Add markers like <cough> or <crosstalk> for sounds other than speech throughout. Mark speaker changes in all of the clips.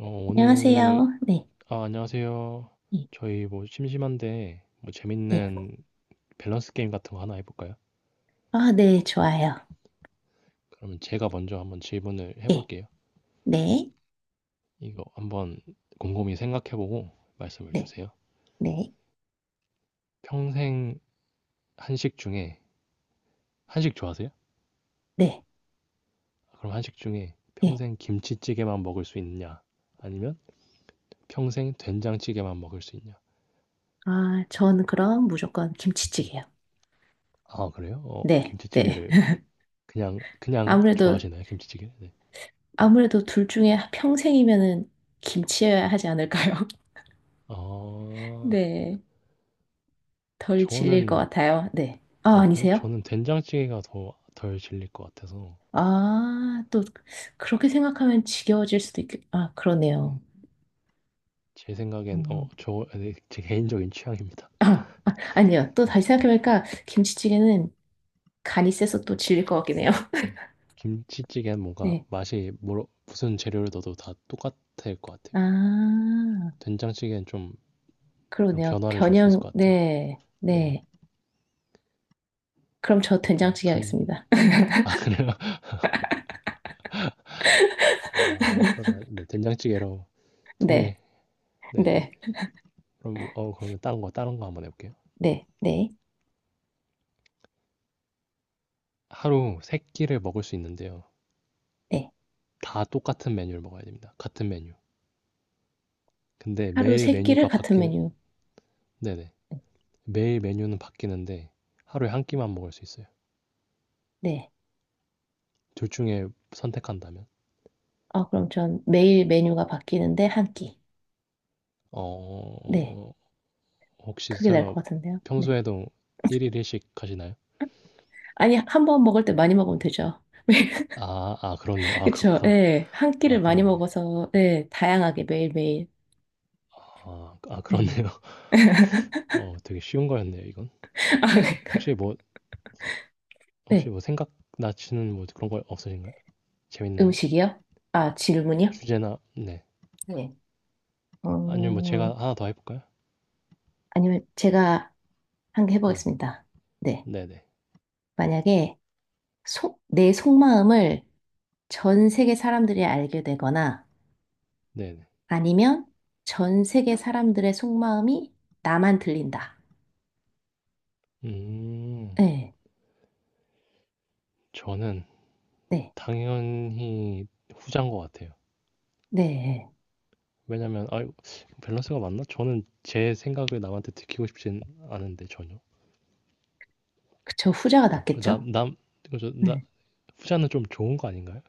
Speaker 1: 어, 오늘,
Speaker 2: 안녕하세요. 네,
Speaker 1: 아, 안녕하세요.
Speaker 2: 네,
Speaker 1: 저희 뭐 심심한데, 뭐
Speaker 2: 네.
Speaker 1: 재밌는 밸런스 게임 같은 거 하나 해볼까요?
Speaker 2: 아, 네, 좋아요.
Speaker 1: 그러면 제가 먼저 한번 질문을
Speaker 2: 예,
Speaker 1: 해볼게요.
Speaker 2: 네,
Speaker 1: 이거 한번 곰곰이 생각해보고 말씀을
Speaker 2: 네,
Speaker 1: 주세요.
Speaker 2: 네,
Speaker 1: 평생 한식 중에, 한식 좋아하세요?
Speaker 2: 네,
Speaker 1: 그럼 한식 중에
Speaker 2: 예.
Speaker 1: 평생 김치찌개만 먹을 수 있냐? 아니면 평생 된장찌개만 먹을 수 있냐?
Speaker 2: 아, 저는 그럼 무조건
Speaker 1: 네.
Speaker 2: 김치찌개요.
Speaker 1: 아, 그래요?
Speaker 2: 네, 네.
Speaker 1: 김치찌개를
Speaker 2: <laughs>
Speaker 1: 그냥
Speaker 2: 아무래도,
Speaker 1: 좋아하시나요? 김치찌개? 네.
Speaker 2: 아무래도 둘 중에 평생이면은 김치여야 하지 않을까요? <laughs>
Speaker 1: 어,
Speaker 2: 네, 덜 질릴 것
Speaker 1: 저는
Speaker 2: 같아요. 네. 아,
Speaker 1: 아, 그래요?
Speaker 2: 아니세요?
Speaker 1: 저는 된장찌개가 더 덜 질릴 것 같아서.
Speaker 2: 아, 또, 그렇게 생각하면 지겨워질 수도 있겠, 아,
Speaker 1: 네.
Speaker 2: 그러네요.
Speaker 1: 제 생각엔,
Speaker 2: 음.
Speaker 1: 네, 제 개인적인 취향입니다.
Speaker 2: 아, 아, 아니요. 또
Speaker 1: 네.
Speaker 2: 다시
Speaker 1: 네,
Speaker 2: 생각해보니까 김치찌개는 간이 세서 또 질릴 것 같긴 해요.
Speaker 1: 네. 김치찌개는 뭔가
Speaker 2: 네.
Speaker 1: 맛이 뭐 무슨 재료를 넣어도 다 똑같을 것 같아요.
Speaker 2: 아,
Speaker 1: 된장찌개는 좀 이런
Speaker 2: 그러네요.
Speaker 1: 변화를 줄 수 있을
Speaker 2: 변형,
Speaker 1: 것 같아요.
Speaker 2: 네,
Speaker 1: 네.
Speaker 2: 네. 그럼 저
Speaker 1: 좀
Speaker 2: 된장찌개
Speaker 1: 간
Speaker 2: 하겠습니다. <laughs>
Speaker 1: <laughs> 그래요? 아, 그러면, 네, 된장찌개로 통해.
Speaker 2: 네,
Speaker 1: 네.
Speaker 2: 네,
Speaker 1: 그럼 그러면 다른 거 한번 해 볼게요.
Speaker 2: 네, 네,
Speaker 1: 하루 3 끼를 먹을 수 있는데요.
Speaker 2: 네.
Speaker 1: 다 똑같은 메뉴를 먹어야 됩니다. 같은 메뉴. 근데
Speaker 2: 하루
Speaker 1: 매일
Speaker 2: 세 끼를
Speaker 1: 메뉴가
Speaker 2: 같은
Speaker 1: 바뀌는,
Speaker 2: 메뉴.
Speaker 1: 네네. 매일 메뉴는 바뀌는데 하루에 한 끼만 먹을 수 있어요.
Speaker 2: 네.
Speaker 1: 둘 중에 선택한다면?
Speaker 2: 아, 그럼 전 매일 메뉴가 바뀌는데 한 끼. 네.
Speaker 1: 어, 혹시
Speaker 2: 그게 나을 것
Speaker 1: 설마
Speaker 2: 같은데요. 네.
Speaker 1: 평소에도 일일 일식 하시나요?
Speaker 2: 아니, 한 번 먹을 때 많이 먹으면 되죠. <laughs>
Speaker 1: 아, 아, 그렇네요. 아,
Speaker 2: 그쵸.
Speaker 1: 그렇구나.
Speaker 2: 네. 한
Speaker 1: 아,
Speaker 2: 끼를 많이
Speaker 1: 그렇네.
Speaker 2: 먹어서, 네. 다양하게 매일매일.
Speaker 1: 아, 아,
Speaker 2: 네.
Speaker 1: 그렇네요. <laughs> 되게 쉬운 거였네요, 이건.
Speaker 2: <laughs> 아,
Speaker 1: 혹시 뭐, 혹시
Speaker 2: 네.
Speaker 1: 뭐 생각나시는 뭐 그런 거 없으신가요? 재밌는
Speaker 2: 음식이요? 아, 질문이요?
Speaker 1: 주제나, 네.
Speaker 2: 네.
Speaker 1: 아니면 뭐
Speaker 2: 어,
Speaker 1: 제가 하나 더 해볼까요?
Speaker 2: 아니면 제가 한 개
Speaker 1: 네.
Speaker 2: 해보겠습니다. 네.
Speaker 1: 네네.
Speaker 2: 만약에 내 속마음을 전 세계 사람들이 알게 되거나
Speaker 1: 네네.
Speaker 2: 아니면 전 세계 사람들의 속마음이 나만 들린다.
Speaker 1: 음,
Speaker 2: 네.
Speaker 1: 저는
Speaker 2: 네.
Speaker 1: 당연히 후자인 것 같아요.
Speaker 2: 네.
Speaker 1: 왜냐면 아 밸런스가 맞나? 저는 제 생각을 남한테 들키고 싶진 않은데 전혀.
Speaker 2: 그쵸. 후자가 낫겠죠?
Speaker 1: 남남 그죠? 나
Speaker 2: 네.
Speaker 1: 후자는 좀 좋은 거 아닌가요?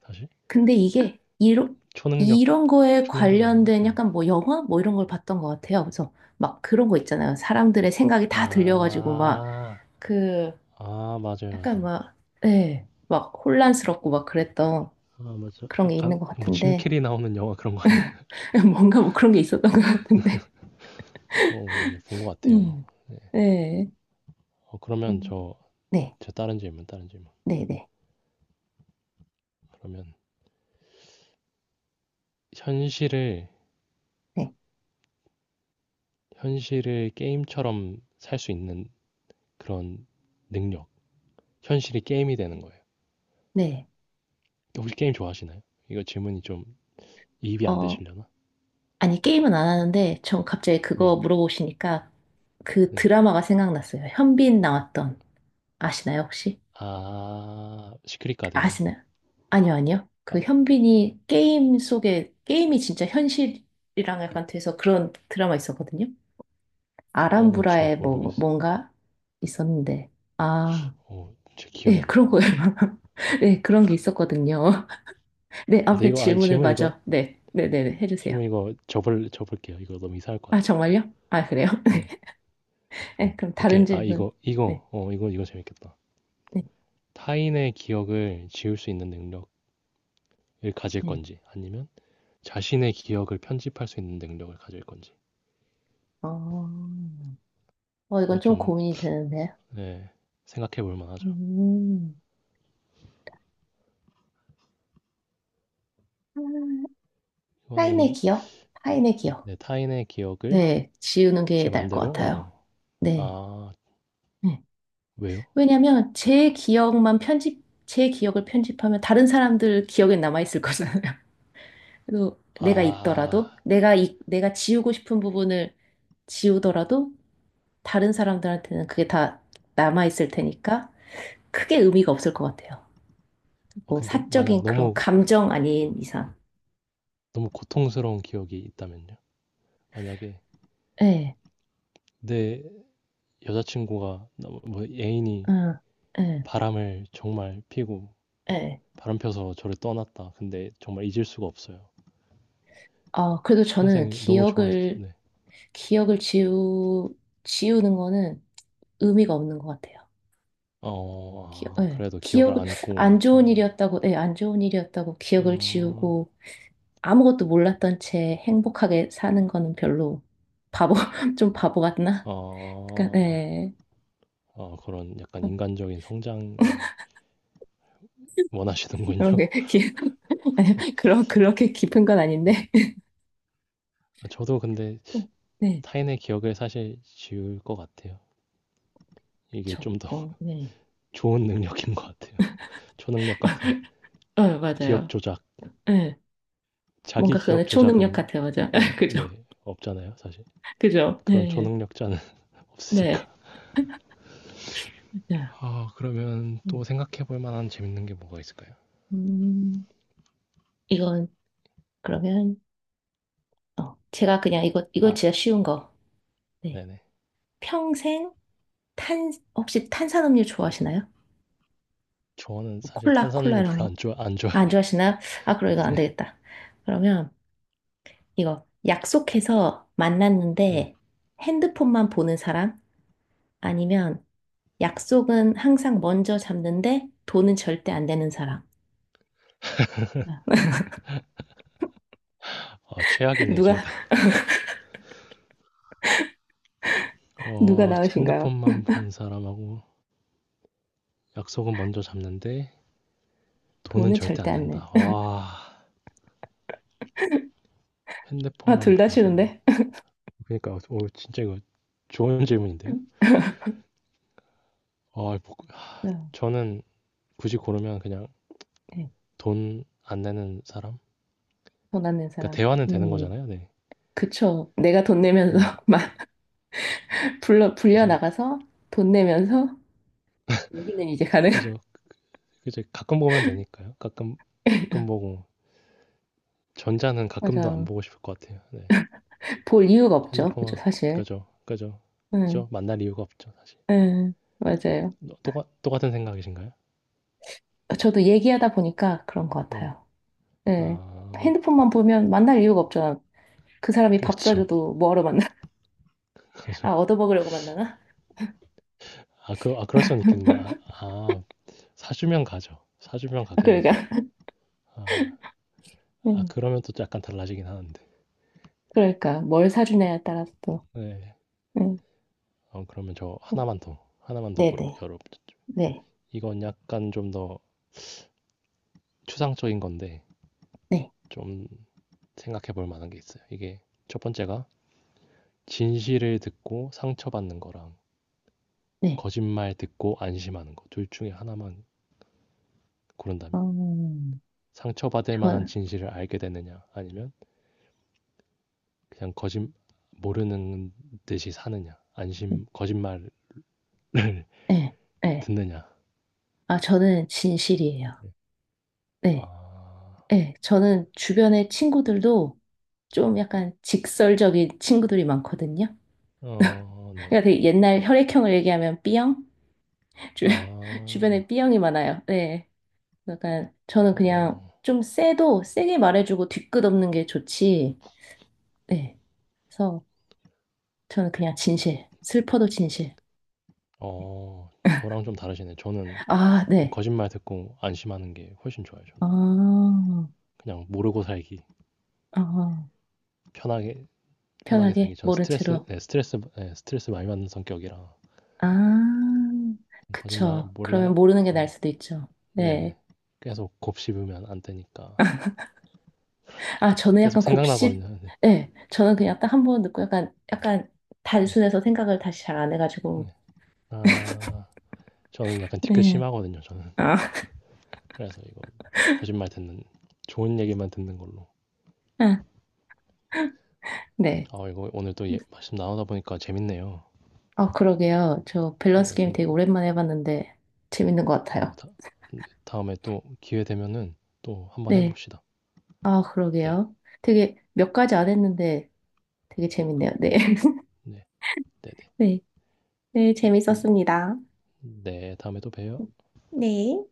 Speaker 1: 사실
Speaker 2: 근데
Speaker 1: 초능력
Speaker 2: 이런 거에
Speaker 1: 초능력 아닌가?
Speaker 2: 관련된
Speaker 1: 어.
Speaker 2: 약간 뭐 영화? 뭐 이런 걸 봤던 것 같아요. 그래서 막 그런 거 있잖아요. 사람들의 생각이 다 들려가지고 막
Speaker 1: 아,
Speaker 2: 그
Speaker 1: 아, 맞아요,
Speaker 2: 약간
Speaker 1: 맞아요.
Speaker 2: 막, 예, 막 혼란스럽고 막 그랬던
Speaker 1: 아, 맞아.
Speaker 2: 그런 게
Speaker 1: 약간
Speaker 2: 있는 것
Speaker 1: 뭐
Speaker 2: 같은데,
Speaker 1: 짐캐리 나오는 영화 그런 거 아니었나?
Speaker 2: <laughs> 뭔가 뭐 그런 게 있었던 것 같은데.
Speaker 1: 어, 맞아요, 본 것 같아요.
Speaker 2: 음.
Speaker 1: 네.
Speaker 2: 네.
Speaker 1: 그러면
Speaker 2: 음. 네,
Speaker 1: 제 다른 질문.
Speaker 2: 네, 네,
Speaker 1: 그러면 현실을
Speaker 2: 네,
Speaker 1: 현실을 게임처럼 살 수 있는 그런 능력, 현실이 게임이 되는 거예요.
Speaker 2: 네.
Speaker 1: 혹시 게임 좋아하시나요? 이거 질문이 좀 이입이 안
Speaker 2: 어,
Speaker 1: 되시려나?
Speaker 2: 아니, 게임은 안 하는데, 전 갑자기 그거
Speaker 1: 네,
Speaker 2: 물어보시니까 그
Speaker 1: 네.
Speaker 2: 드라마가 생각났어요. 현빈 나왔던, 아시나요, 혹시?
Speaker 1: 아, 시크릿 가든요.
Speaker 2: 아시나요? 아니요. 그
Speaker 1: 아,
Speaker 2: 게임이 진짜 현실이랑 약간 돼서 그런 드라마 있었거든요.
Speaker 1: 잘
Speaker 2: 아람브라에
Speaker 1: 모르겠어요.
Speaker 2: 뭔가 있었는데. 아,
Speaker 1: 제 기억이
Speaker 2: 네,
Speaker 1: 안
Speaker 2: 그런
Speaker 1: 나네요.
Speaker 2: 거예요. <laughs> 네, 그런 게 있었거든요. <laughs> 네,
Speaker 1: 아, 근데
Speaker 2: 아무튼 질문을
Speaker 1: 질문 이거,
Speaker 2: 마저. 네, 네네네, 해주세요.
Speaker 1: 질문 이거 접을게요. 이거 너무 이상할
Speaker 2: 아,
Speaker 1: 것 같아요.
Speaker 2: 정말요? 아, 그래요? <laughs> 네,
Speaker 1: 네.
Speaker 2: 네, 그럼 다른
Speaker 1: 오케이. 아,
Speaker 2: 질문. 네,
Speaker 1: 이거 재밌겠다.
Speaker 2: 네,
Speaker 1: 타인의 기억을 지울 수 있는 능력을 가질
Speaker 2: 네.
Speaker 1: 건지, 아니면 자신의 기억을 편집할 수 있는 능력을 가질 건지.
Speaker 2: 어, 어,
Speaker 1: 이거
Speaker 2: 이건 좀
Speaker 1: 좀,
Speaker 2: 고민이 되는데요.
Speaker 1: 네, 생각해 볼 만하죠.
Speaker 2: 음, 아, 타인의
Speaker 1: 이거는
Speaker 2: 기억? 타인의 기억.
Speaker 1: 내 타인의 기억을
Speaker 2: 네, 지우는 게
Speaker 1: 제
Speaker 2: 나을 것
Speaker 1: 맘대로.
Speaker 2: 같아요.
Speaker 1: 어.
Speaker 2: 네.
Speaker 1: 아,
Speaker 2: 네.
Speaker 1: 왜요?
Speaker 2: 왜냐면 제 기억을 편집하면 다른 사람들 기억에 남아있을 거잖아요. <laughs> 그래서 내가 있더라도,
Speaker 1: 아,
Speaker 2: 내가, 이, 내가 지우고 싶은 부분을 지우더라도 다른 사람들한테는 그게 다 남아있을 테니까 크게 의미가 없을 것 같아요. 뭐
Speaker 1: 근데 만약
Speaker 2: 사적인 그런
Speaker 1: 너무
Speaker 2: 감정 아닌 이상.
Speaker 1: 너무 고통스러운 기억이 있다면요? 만약에
Speaker 2: 예,
Speaker 1: 내 여자친구가 뭐 애인이
Speaker 2: 응, 예,
Speaker 1: 바람을 정말 피고
Speaker 2: 예.
Speaker 1: 바람 펴서 저를 떠났다. 근데 정말 잊을 수가 없어요.
Speaker 2: 아, 그래도 저는
Speaker 1: 평생 너무 좋아했어서. 네.
Speaker 2: 기억을 지우, 지우는 거는 의미가 없는 것 같아요.
Speaker 1: 어,
Speaker 2: 기억,
Speaker 1: 아,
Speaker 2: 예,
Speaker 1: 그래도 기억을
Speaker 2: 기억을,
Speaker 1: 안고
Speaker 2: 안 좋은
Speaker 1: 살아가는.
Speaker 2: 일이었다고, 예, 안 좋은 일이었다고 기억을
Speaker 1: 어,
Speaker 2: 지우고 아무것도 몰랐던 채 행복하게 사는 거는 별로 바보, <laughs> 좀 바보 같나? 그러니까,
Speaker 1: 어,
Speaker 2: 예.
Speaker 1: 그런 약간 인간적인 성장이 원하시는군요.
Speaker 2: 그런 게, 기, <laughs> 그런, 그렇게 깊은 건 아닌데.
Speaker 1: 아, 저도 근데
Speaker 2: <laughs> 네,
Speaker 1: 타인의 기억을 사실 지울 것 같아요. 이게
Speaker 2: 그쵸.
Speaker 1: 좀 더
Speaker 2: 어,
Speaker 1: <laughs>
Speaker 2: 네.
Speaker 1: 좋은 능력인 것 같아요. 초능력 같은
Speaker 2: <laughs> 어,
Speaker 1: 기억
Speaker 2: 맞아요.
Speaker 1: 조작.
Speaker 2: 예.
Speaker 1: 자기
Speaker 2: 뭔가
Speaker 1: 기억
Speaker 2: 그거는 초능력
Speaker 1: 조작은,
Speaker 2: 같아요. 맞아. <laughs> 그죠.
Speaker 1: 네, 없잖아요, 사실.
Speaker 2: 그죠.
Speaker 1: 그런
Speaker 2: 예.
Speaker 1: 초능력자는 <laughs>
Speaker 2: 네.
Speaker 1: 없으니까.
Speaker 2: 맞아요.
Speaker 1: 아, 그러면
Speaker 2: 음,
Speaker 1: 또 생각해 볼 만한 재밌는 게 뭐가 있을까요?
Speaker 2: 음, 이건 그러면, 어, 제가 그냥 이거
Speaker 1: 아,
Speaker 2: 진짜 쉬운 거. 네.
Speaker 1: 네네.
Speaker 2: 평생 탄, 혹시 탄산음료 좋아하시나요?
Speaker 1: 저는 사실
Speaker 2: 콜라
Speaker 1: 탄산음료
Speaker 2: 이런
Speaker 1: 별로 안
Speaker 2: 거.
Speaker 1: 좋아 안
Speaker 2: 아, 안
Speaker 1: 좋아해.
Speaker 2: 좋아하시나요? 아, 그럼 이건
Speaker 1: <laughs>
Speaker 2: 안
Speaker 1: 네,
Speaker 2: 되겠다. 그러면 이거 약속해서
Speaker 1: 네.
Speaker 2: 만났는데 핸드폰만 보는 사람? 아니면 약속은 항상 먼저 잡는데 돈은 절대 안 내는 사람. 아,
Speaker 1: 아,
Speaker 2: <laughs>
Speaker 1: 최악이네요, 둘
Speaker 2: 누가,
Speaker 1: 다.
Speaker 2: 누가 나으신가요?
Speaker 1: 핸드폰만 보는 사람하고 약속은 먼저 잡는데 돈은
Speaker 2: 돈은
Speaker 1: 절대
Speaker 2: 절대
Speaker 1: 안
Speaker 2: 안 내.
Speaker 1: 낸다.
Speaker 2: <laughs>
Speaker 1: 와.
Speaker 2: 아,
Speaker 1: 핸드폰만
Speaker 2: 둘 다
Speaker 1: 본 사람.
Speaker 2: 싫은데? <laughs>
Speaker 1: 그러니까 오, 진짜 이거 좋은 질문인데요. 뭐,
Speaker 2: 아,
Speaker 1: 저는 굳이 고르면 그냥
Speaker 2: 네.
Speaker 1: 돈 안 내는 사람.
Speaker 2: 돈 안 낸
Speaker 1: 그러니까
Speaker 2: 사람.
Speaker 1: 대화는 되는
Speaker 2: 음,
Speaker 1: 거잖아요. 네,
Speaker 2: 그쵸. 내가 돈 내면서
Speaker 1: 네,
Speaker 2: <laughs> 마- 불려
Speaker 1: 그죠,
Speaker 2: 나가서 돈 내면서 여기는 이제 가능요
Speaker 1: 그죠. 이제 가끔 보면 되니까요. 가끔
Speaker 2: <laughs>
Speaker 1: 가끔 보고, 전자는 가끔도 안
Speaker 2: 맞아요.
Speaker 1: 보고 싶을 것 같아요. 네,
Speaker 2: 볼 이유가 없죠. 그죠,
Speaker 1: 핸드폰만.
Speaker 2: 사실.
Speaker 1: 그죠, 그죠,
Speaker 2: 응,
Speaker 1: 그죠. 만날 이유가 없죠, 사실.
Speaker 2: 응, 맞아요.
Speaker 1: 똑같은 생각이신가요?
Speaker 2: 저도 얘기하다 보니까 그런 것
Speaker 1: 네.
Speaker 2: 같아요. 네.
Speaker 1: 아,
Speaker 2: 핸드폰만 보면 만날 이유가 없잖아. 그 사람이 밥
Speaker 1: 그렇죠.
Speaker 2: 사줘도 뭐하러 만나? <laughs>
Speaker 1: <laughs> 그죠.
Speaker 2: 아, 얻어먹으려고 만나나? <laughs>
Speaker 1: 아, 그, 아, 그럴 수는 있겠네요. 아, 아, 사주면 가죠. 사주면
Speaker 2: 아,
Speaker 1: 가긴 하죠.
Speaker 2: 그러니까.
Speaker 1: 아, 아,
Speaker 2: 응,
Speaker 1: 그러면 또 약간 달라지긴 하는데.
Speaker 2: 그러니까, 뭘 사주냐에 따라서 또.
Speaker 1: 네.
Speaker 2: 네.
Speaker 1: 그러면 저 하나만 더 물어,
Speaker 2: 네네.
Speaker 1: 여러분.
Speaker 2: 네.
Speaker 1: 이건 약간 좀 더 추상적인 건데,
Speaker 2: 네. 네.
Speaker 1: 좀 생각해 볼 만한 게 있어요. 이게 첫 번째가 진실을 듣고 상처받는 거랑
Speaker 2: 네.
Speaker 1: 거짓말 듣고 안심하는 거. 둘 중에 하나만 고른다면?
Speaker 2: 음,
Speaker 1: 상처받을 만한
Speaker 2: 전,
Speaker 1: 진실을 알게 되느냐, 아니면 그냥 모르는 듯이 사느냐, 안심, 거짓말을 <laughs>
Speaker 2: 네. 네.
Speaker 1: 듣느냐.
Speaker 2: 아, 저는 진실이에요. 네.
Speaker 1: 아.
Speaker 2: 네, 저는 주변의 친구들도 좀 약간 직설적인 친구들이 많거든요.
Speaker 1: 어, 네.
Speaker 2: 그러니까 되게 옛날 혈액형을 얘기하면 B형? 주, <laughs>
Speaker 1: 아.
Speaker 2: 주변에 B형이 많아요. 네. 약간 저는 그냥
Speaker 1: 어.
Speaker 2: 좀 세도 세게 말해주고 뒤끝없는 게 좋지. 네. 그래서 저는 그냥 진실. 슬퍼도 진실.
Speaker 1: 어. 저랑 좀 다르시네. 저는
Speaker 2: 아,
Speaker 1: 그냥
Speaker 2: 네.
Speaker 1: 거짓말 듣고 안심하는 게 훨씬 좋아요, 저는.
Speaker 2: 아,
Speaker 1: 그냥 모르고 살기.
Speaker 2: 아,
Speaker 1: 편하게 편하게
Speaker 2: 편하게
Speaker 1: 살기. 저는
Speaker 2: 모른
Speaker 1: 스트레스,
Speaker 2: 채로.
Speaker 1: 네, 스트레스, 네, 스트레스 많이 받는 성격이라.
Speaker 2: 아,
Speaker 1: 거짓말
Speaker 2: 그쵸.
Speaker 1: 몰
Speaker 2: 그러면
Speaker 1: 라
Speaker 2: 모르는 게 나을
Speaker 1: 네.
Speaker 2: 수도 있죠. 네.
Speaker 1: 네. 계속 곱씹으면 안 되니까.
Speaker 2: 아,
Speaker 1: 그래서
Speaker 2: 저는
Speaker 1: 계속
Speaker 2: 약간 곱씹,
Speaker 1: 생각나거든요. 네.
Speaker 2: 예, 저는 그냥 딱 한번 듣고 약간, 약간
Speaker 1: 네.
Speaker 2: 단순해서 생각을 다시 잘 안 해가지고,
Speaker 1: 네. 아. 저는 약간 뒤끝
Speaker 2: 예.
Speaker 1: 심하거든요, 저는.
Speaker 2: 아,
Speaker 1: 그래서 이거 거짓말 듣는 좋은 얘기만 듣는 걸로.
Speaker 2: 아, 네.
Speaker 1: 아, 이거 오늘 또 말씀 나누다 보니까 재밌네요.
Speaker 2: 아, 그러게요. 저 밸런스
Speaker 1: 네,
Speaker 2: 게임
Speaker 1: 근데
Speaker 2: 되게 오랜만에 해봤는데, 재밌는 것
Speaker 1: 이거
Speaker 2: 같아요.
Speaker 1: 다, 네, 다음에 또 기회 되면은 또 한번
Speaker 2: 네.
Speaker 1: 해봅시다.
Speaker 2: 아,
Speaker 1: 네,
Speaker 2: 그러게요. 되게 몇 가지 안 했는데 되게 재밌네요. 네. <laughs>
Speaker 1: 네, 네,
Speaker 2: 네. 네,
Speaker 1: 네.
Speaker 2: 재밌었습니다.
Speaker 1: 네, 다음에 또 봬요.
Speaker 2: 네.